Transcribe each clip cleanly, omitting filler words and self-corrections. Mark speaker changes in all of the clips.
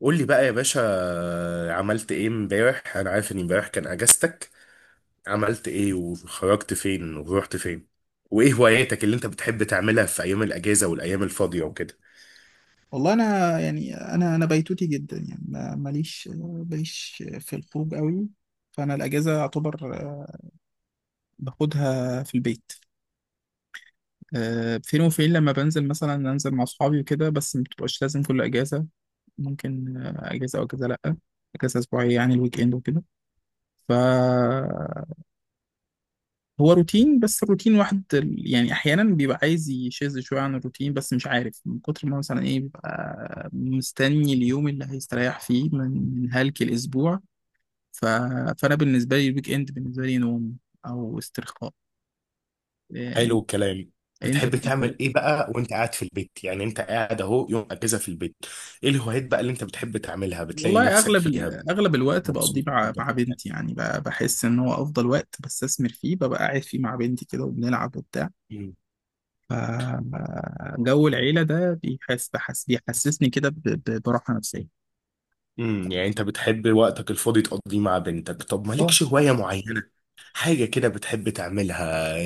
Speaker 1: قول لي بقى يا باشا، عملت ايه امبارح؟ انا عارف ان امبارح كان اجازتك. عملت ايه وخرجت فين ورحت فين؟ وايه هواياتك اللي انت بتحب تعملها في ايام الاجازه والايام الفاضيه وكده؟
Speaker 2: والله انا يعني انا بيتوتي جدا، يعني ماليش في الخروج قوي. فانا الاجازه اعتبر باخدها في البيت. فين وفين، لما بنزل مثلا انزل مع اصحابي وكده، بس ما بتبقاش لازم كل اجازه. ممكن اجازه او اجازه لا. اجازه اسبوعيه، يعني الويك اند وكده. ف هو روتين، بس الروتين واحد يعني احيانا بيبقى عايز يشذ شويه عن الروتين، بس مش عارف من كتر ما مثلا ايه بيبقى مستني اليوم اللي هيستريح فيه من هلك الاسبوع. ف... فانا بالنسبه لي الويك اند بالنسبه لي نوم، او استرخاء
Speaker 1: حلو
Speaker 2: يعني.
Speaker 1: الكلام.
Speaker 2: انت
Speaker 1: بتحب
Speaker 2: بالنسبه لك؟
Speaker 1: تعمل ايه بقى وانت قاعد في البيت؟ يعني انت قاعد اهو يوم اجازه في البيت، ايه الهوايات بقى اللي انت بتحب تعملها بتلاقي
Speaker 2: والله
Speaker 1: نفسك فيها بتبقى
Speaker 2: اغلب الوقت بقضيه
Speaker 1: مبسوط
Speaker 2: مع
Speaker 1: وانت
Speaker 2: مع
Speaker 1: بتعملها؟
Speaker 2: بنتي، يعني بحس ان هو افضل وقت بستثمر فيه، ببقى قاعد فيه مع بنتي كده وبنلعب وبتاع. ف- جو العيله ده بيحسسني كده براحه نفسيه.
Speaker 1: يعني انت بتحب وقتك الفاضي تقضيه مع بنتك. طب
Speaker 2: اه.
Speaker 1: مالكش هواية معينة، حاجة كده بتحب تعملها؟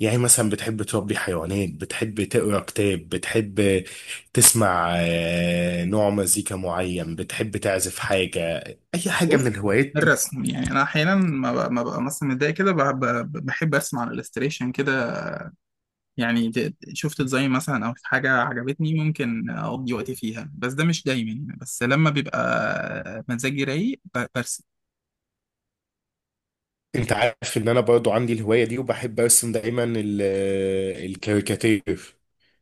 Speaker 1: يعني مثلا بتحب تربي حيوانات، بتحب تقرا كتاب، بتحب تسمع نوع مزيكا معين، بتحب تعزف حاجة؟ اي حاجة
Speaker 2: بص،
Speaker 1: من الهوايات دي؟
Speaker 2: الرسم، يعني انا احيانا ما ببقى مثلا متضايق كده، بحب ارسم على الالستريشن كده. يعني شفت ديزاين مثلا او حاجه عجبتني، ممكن اقضي وقتي فيها، بس ده مش دايما يعني، بس لما بيبقى مزاجي رايق برسم.
Speaker 1: انت عارف ان انا برضو عندي الهواية دي وبحب ارسم دايما الكاريكاتير.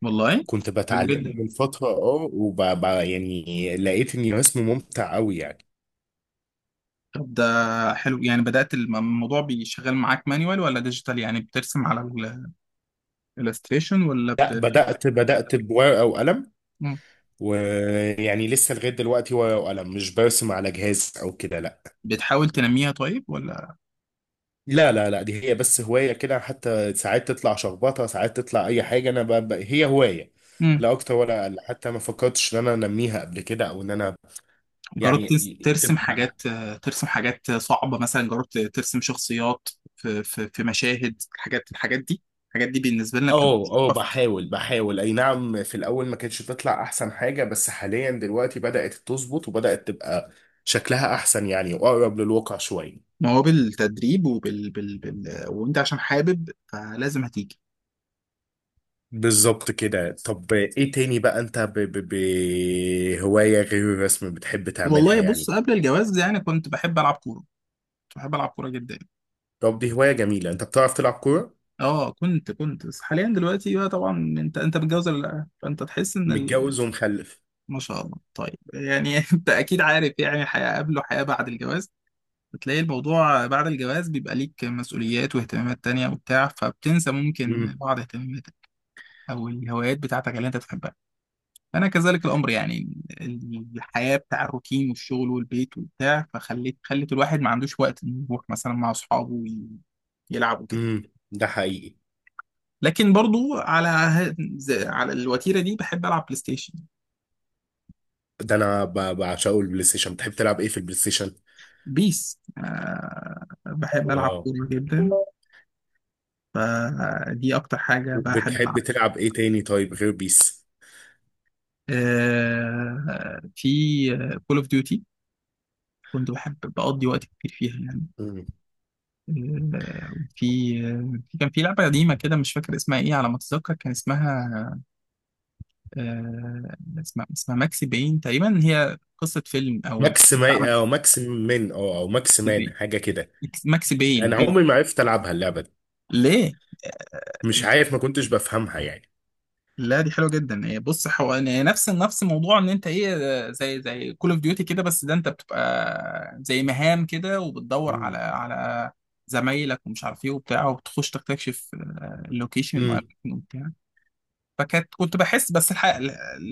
Speaker 2: والله
Speaker 1: كنت
Speaker 2: حلو
Speaker 1: بتعلمه
Speaker 2: جدا.
Speaker 1: من فترة، يعني لقيت اني رسمه ممتع قوي يعني.
Speaker 2: طب ده حلو، يعني بدأت الموضوع بيشغل معاك مانيوال ولا ديجيتال؟ يعني بترسم على الالستريشن ولا
Speaker 1: لا،
Speaker 2: ب...
Speaker 1: بدأت بورقة وقلم.
Speaker 2: مم.
Speaker 1: ويعني لسه لغاية دلوقتي ورقة وقلم، مش برسم على جهاز أو كده، لا.
Speaker 2: بتحاول تنميها طيب ولا؟
Speaker 1: لا لا لا دي هي بس هواية كده، حتى ساعات تطلع شخبطة ساعات تطلع أي حاجة. أنا هي هواية،
Speaker 2: مم.
Speaker 1: لا أكتر ولا أقل. حتى ما فكرتش إن أنا أنميها قبل كده أو إن أنا يعني
Speaker 2: ترسم
Speaker 1: تبقى.
Speaker 2: حاجات؟ ترسم حاجات صعبة مثلا، جربت ترسم شخصيات في مشاهد؟ الحاجات دي، الحاجات دي بالنسبة لنا بتبقى
Speaker 1: أه أه،
Speaker 2: صعبة.
Speaker 1: بحاول أي نعم. في الأول ما كانتش تطلع أحسن حاجة، بس حاليا دلوقتي بدأت تظبط وبدأت تبقى شكلها أحسن يعني، وأقرب للواقع شوية.
Speaker 2: ما هو بالتدريب، وانت عشان حابب فلازم هتيجي.
Speaker 1: بالظبط كده. طب ايه تاني بقى انت هواية غير الرسم بتحب تعملها
Speaker 2: والله بص،
Speaker 1: يعني؟
Speaker 2: قبل الجواز يعني كنت بحب العب كوره، كنت بحب العب كوره جدا.
Speaker 1: طب دي هواية جميلة، انت بتعرف تلعب كورة؟
Speaker 2: اه كنت بس حاليا دلوقتي بقى. طبعا انت متجوز ولا لا؟ فانت تحس ان...
Speaker 1: متجوز ومخلف.
Speaker 2: ما شاء الله، طيب يعني انت اكيد عارف يعني حياه قبل وحياه بعد الجواز. بتلاقي الموضوع بعد الجواز بيبقى ليك مسؤوليات واهتمامات تانية وبتاع، فبتنسى ممكن
Speaker 1: امم،
Speaker 2: بعض اهتماماتك او الهوايات بتاعتك اللي انت تحبها. انا كذلك الامر يعني. الحياه بتاع الروتين والشغل والبيت وبتاع خلت الواحد ما عندوش وقت انه يروح مثلا مع اصحابه يلعب وكده.
Speaker 1: امم، ده حقيقي.
Speaker 2: لكن برضو على على الوتيره دي بحب العب بلاي ستيشن.
Speaker 1: ده انا بعشقه البلاي ستيشن. بتحب تلعب ايه في البلاي ستيشن؟
Speaker 2: بيس، بحب العب
Speaker 1: اه،
Speaker 2: كوره جدا، فدي اكتر حاجه بحب
Speaker 1: وبتحب
Speaker 2: العبها.
Speaker 1: تلعب ايه تاني طيب غير بيس؟
Speaker 2: في كول اوف ديوتي، كنت بحب بقضي وقت كتير فيها يعني.
Speaker 1: مم.
Speaker 2: آه، في كان في لعبة قديمة كده، مش فاكر اسمها ايه. على ما اتذكر كان اسمها، آه، اسمها ماكسي باين تقريبا، هي قصة فيلم، او الفيلم
Speaker 1: ماكس
Speaker 2: بتاع
Speaker 1: ما
Speaker 2: ماكسي
Speaker 1: او ماكس من او ماكس مان
Speaker 2: باين.
Speaker 1: حاجة كده؟
Speaker 2: ماكسي باين
Speaker 1: انا
Speaker 2: باين
Speaker 1: عمري ما عرفت العبها اللعبة دي.
Speaker 2: ليه؟ آه،
Speaker 1: مش عارف، ما كنتش بفهمها يعني.
Speaker 2: لا دي حلوه جدا. هي بص، هو يعني نفس موضوع ان انت ايه، زي كول اوف ديوتي كده، بس ده انت بتبقى زي مهام كده، وبتدور على زمايلك ومش عارف ايه وبتاع، وبتخش تكتشف اللوكيشن
Speaker 1: امم،
Speaker 2: وأماكن وبتاع. فكانت كنت بحس،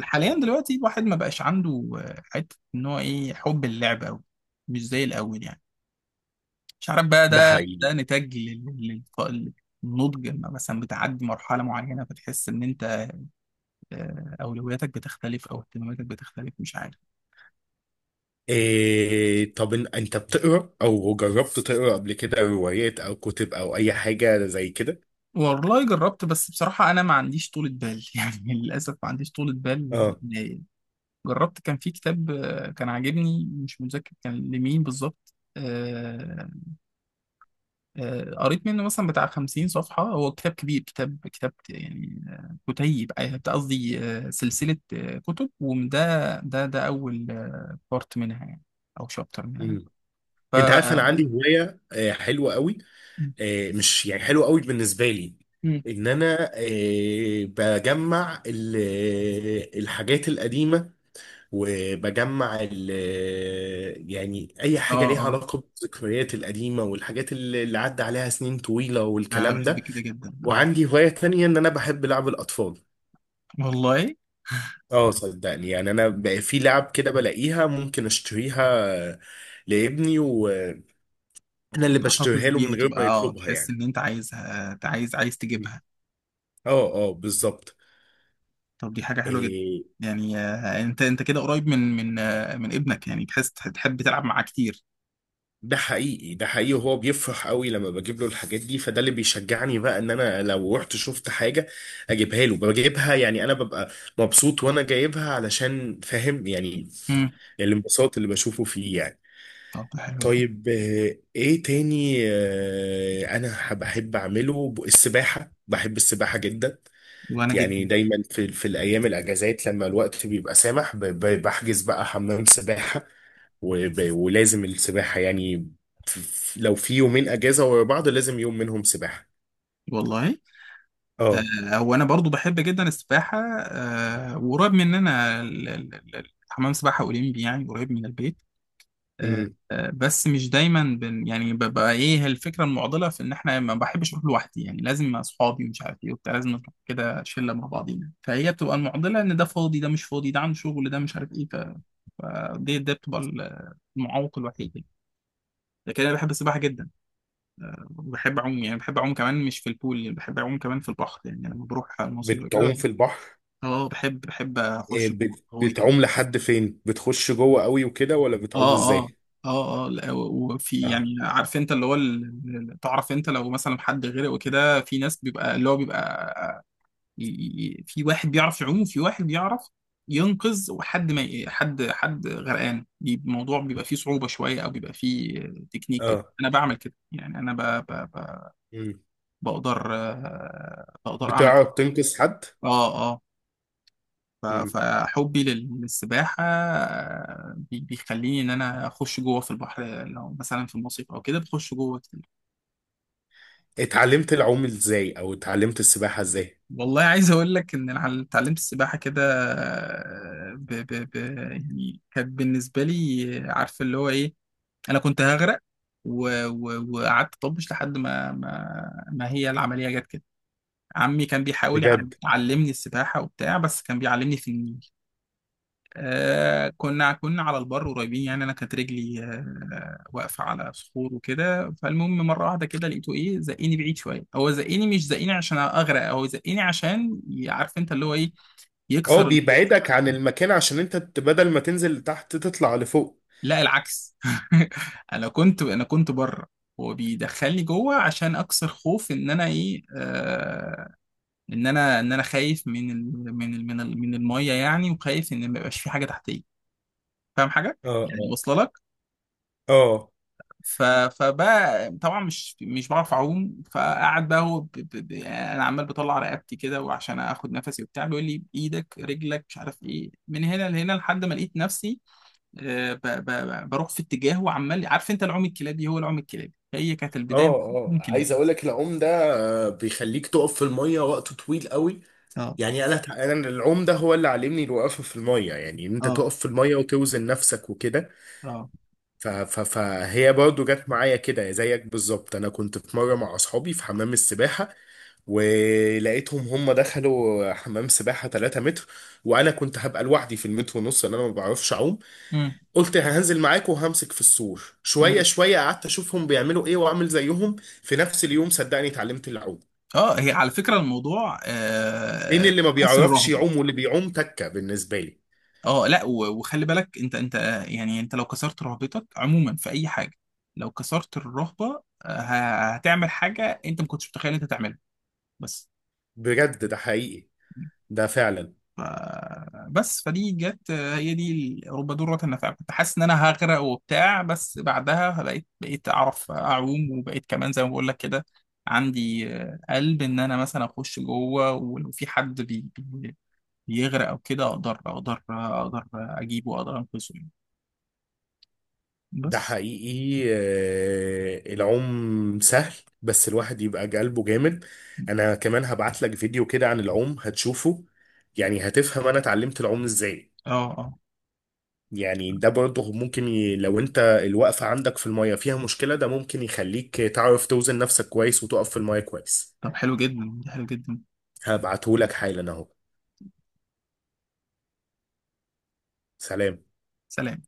Speaker 2: حاليا دلوقتي الواحد ما بقاش عنده حته ان هو ايه حب اللعب قوي، مش زي الاول يعني. مش عارف بقى،
Speaker 1: ده
Speaker 2: ده
Speaker 1: حقيقي.
Speaker 2: ده نتاج لل- للنضج. لما مثلا بتعدي مرحله معينه فتحس ان انت اولوياتك بتختلف، او اهتماماتك بتختلف، مش عارف.
Speaker 1: إيه؟ طب انت بتقرا او جربت تقرا قبل كده روايات او كتب او اي حاجه زي كده؟
Speaker 2: والله جربت، بس بصراحه انا ما عنديش طولة بال يعني، للاسف ما عنديش طولة بال
Speaker 1: اه.
Speaker 2: جربت. كان في كتاب كان عاجبني، مش متذكر كان لمين بالظبط. قريت منه مثلا بتاع 50 صفحة. هو كتاب كبير، كتاب يعني، كتيب، قصدي سلسلة كتب، وده ده أول بارت منها يعني، أو شابتر منها.
Speaker 1: امم.
Speaker 2: ف
Speaker 1: انت عارف انا عندي هوايه حلوه قوي. مش يعني حلوه قوي بالنسبه لي،
Speaker 2: مم.
Speaker 1: ان انا بجمع الحاجات القديمه. وبجمع يعني اي
Speaker 2: اه
Speaker 1: حاجه ليها
Speaker 2: اه.
Speaker 1: علاقه بالذكريات القديمه والحاجات اللي عدى عليها سنين طويله
Speaker 2: أنا
Speaker 1: والكلام
Speaker 2: بحب
Speaker 1: ده.
Speaker 2: كده جدا، اه.
Speaker 1: وعندي هوايه تانية، ان انا بحب لعب الاطفال.
Speaker 2: والله.
Speaker 1: اه صدقني، يعني انا بقى في لعب كده بلاقيها ممكن اشتريها لابني، وانا اللي
Speaker 2: تحتفظ
Speaker 1: بشتريها له من
Speaker 2: بيها
Speaker 1: غير
Speaker 2: تبقى،
Speaker 1: ما
Speaker 2: اه،
Speaker 1: يطلبها
Speaker 2: تحس
Speaker 1: يعني.
Speaker 2: إن أنت عايزها، أنت عايز
Speaker 1: م.
Speaker 2: تجيبها.
Speaker 1: اه اه، بالظبط.
Speaker 2: طب دي حاجة حلوة جدا.
Speaker 1: إيه؟
Speaker 2: يعني أنت كده قريب من ابنك، يعني تحس تحب تلعب معاه كتير.
Speaker 1: ده حقيقي، ده حقيقي. وهو بيفرح قوي لما بجيب له الحاجات دي، فده اللي بيشجعني بقى ان انا لو رحت شفت حاجة اجيبها له بجيبها. يعني انا ببقى مبسوط وانا جايبها، علشان فاهم يعني
Speaker 2: مم.
Speaker 1: الانبساط اللي بشوفه فيه يعني.
Speaker 2: طب ده حلو جدا.
Speaker 1: طيب ايه تاني انا بحب اعمله السباحة. بحب السباحة جدا.
Speaker 2: وأنا
Speaker 1: يعني
Speaker 2: جدا.
Speaker 1: دايما في الايام الاجازات لما الوقت بيبقى سامح بحجز بقى حمام سباحة ولازم السباحة يعني. لو في يومين اجازة ورا بعض، لازم يوم منهم سباحة.
Speaker 2: والله
Speaker 1: اه،
Speaker 2: هو انا برضو بحب جدا السباحه، وقريب مننا حمام سباحه اولمبي، يعني قريب من البيت. آه،
Speaker 1: امم،
Speaker 2: بس مش دايما يعني ببقى ايه، الفكره المعضله في ان احنا ما بحبش اروح لوحدي، يعني لازم مع اصحابي ومش عارف ايه وبتاع، لازم نروح كده شله مع بعضينا. فهي بتبقى المعضله، ان ده فاضي ده مش فاضي، ده عنده شغل، ده مش عارف ايه. فدي ده بتبقى المعوق الوحيد يعني. لكن انا بحب السباحه جدا، بحب اعوم يعني، بحب اعوم كمان مش في البول، يعني بحب اعوم كمان في البحر، يعني لما بروح المصيف كده
Speaker 1: بتعوم
Speaker 2: بحب.
Speaker 1: في البحر؟
Speaker 2: اه بحب اخش جوه غويط كده.
Speaker 1: بتعوم لحد فين؟ بتخش جوه قوي وكده ولا بتعوم
Speaker 2: اه اه.
Speaker 1: ازاي؟
Speaker 2: اه اه. لا، وفي
Speaker 1: اه
Speaker 2: يعني، عارف انت اللي هو تعرف انت لو مثلا حد غرق وكده، في ناس بيبقى اللي هو بيبقى ي- في واحد بيعرف يعوم، وفي واحد بيعرف ينقذ. وحد ما ي- حد غرقان الموضوع بيبقى فيه صعوبة شوية، او بيبقى فيه تكنيك كده.
Speaker 1: اه،
Speaker 2: انا بعمل كده يعني، انا
Speaker 1: مم.
Speaker 2: بقدر، بقدر اعمل.
Speaker 1: بتعرف تنقذ حد؟
Speaker 2: اه اه. ف- فحبي للسباحة بيخليني إن أنا أخش جوه في البحر، لو مثلا في المصيف أو كده بخش جوه كتير.
Speaker 1: اتعلمت العوم ازاي او اتعلمت السباحة ازاي؟
Speaker 2: والله عايز أقول لك إن أنا اتعلمت السباحة كده، ب ب ب يعني كانت بالنسبة لي عارف اللي هو إيه، أنا كنت هغرق. وقعدت طبش لحد ما هي العملية جت كده. عمي كان بيحاول
Speaker 1: بجد؟
Speaker 2: يعلمني السباحة وبتاع، بس كان بيعلمني في النيل. كنا على البر قريبين يعني، انا كانت رجلي واقفه على صخور وكده. فالمهم مره واحده كده لقيته ايه، زقني بعيد شويه. هو زقني مش زقني عشان اغرق، هو زقني عشان عارف انت اللي هو ايه، يكسر
Speaker 1: اه،
Speaker 2: الخوف.
Speaker 1: بيبعدك عن المكان عشان انت بدل ما تنزل تحت تطلع لفوق.
Speaker 2: لا العكس. انا كنت بره، هو بيدخلني جوه عشان اكسر خوف ان انا ايه. ان انا خايف من ال من ال من ال من الميه يعني، وخايف ان ما يبقاش في حاجه تحتيه. فاهم حاجه؟
Speaker 1: اه
Speaker 2: يعني
Speaker 1: اه،
Speaker 2: واصله لك.
Speaker 1: اه
Speaker 2: فبقى طبعا مش بعرف اعوم، فقعد بقى هو يعني انا عمال بطلع رقبتي كده وعشان اخد نفسي وبتاع، بيقول لي بايدك رجلك مش عارف ايه، من هنا لهنا، لحد ما لقيت نفسي بروح في اتجاه، وعمال، عارف انت العوم الكلابي، هو العوم الكلابي هي كانت
Speaker 1: اه،
Speaker 2: البدايه من. العوم
Speaker 1: اه،
Speaker 2: الكلابي.
Speaker 1: عايز اقول لك العوم ده بيخليك تقف في المية وقت طويل قوي.
Speaker 2: اه
Speaker 1: يعني انا العوم ده هو اللي علمني الوقفة في المية، يعني ان انت
Speaker 2: اه.
Speaker 1: تقف في المية وتوزن نفسك وكده.
Speaker 2: اه اه.
Speaker 1: فهي برضو جت معايا كده زيك بالظبط. انا كنت في مره مع اصحابي في حمام السباحه، ولقيتهم هم دخلوا حمام سباحه 3 متر. وانا كنت هبقى لوحدي في المتر ونص لان انا ما بعرفش اعوم.
Speaker 2: امم.
Speaker 1: قلت هنزل معاكم وهمسك في السور شويه
Speaker 2: امم.
Speaker 1: شويه. قعدت اشوفهم بيعملوا ايه واعمل زيهم. في نفس اليوم صدقني اتعلمت العوم.
Speaker 2: اه هي على فكره الموضوع
Speaker 1: بين اللي ما
Speaker 2: قصر
Speaker 1: بيعرفش
Speaker 2: رهبه.
Speaker 1: يعوم واللي بيعوم تكه بالنسبه لي.
Speaker 2: اه لا، وخلي بالك، انت يعني انت لو كسرت رهبتك عموما في اي حاجه، لو كسرت الرهبه هتعمل حاجه انت ما كنتش متخيل انت تعملها، بس.
Speaker 1: بجد، ده حقيقي، ده فعلا.
Speaker 2: ف... بس فدي جت، هي دي رب ضارة نافعة. كنت حاسس ان انا هغرق وبتاع، بس بعدها بقيت اعرف اعوم، وبقيت كمان زي ما بقول لك كده عندي قلب ان انا مثلا اخش جوه، ولو في حد بيغرق او كده اقدر اجيبه، واقدر انقذه يعني.
Speaker 1: ده
Speaker 2: بس.
Speaker 1: حقيقي العوم سهل، بس الواحد يبقى قلبه جامد. انا كمان هبعت لك فيديو كده عن العوم هتشوفه، يعني هتفهم انا اتعلمت العوم ازاي.
Speaker 2: اه اه.
Speaker 1: يعني ده برضه ممكن لو انت الوقفة عندك في المية فيها مشكلة، ده ممكن يخليك تعرف توزن نفسك كويس وتقف في المية كويس.
Speaker 2: طب حلو جدا، حلو جدا.
Speaker 1: هبعته لك حالا اهو. سلام.
Speaker 2: سلام.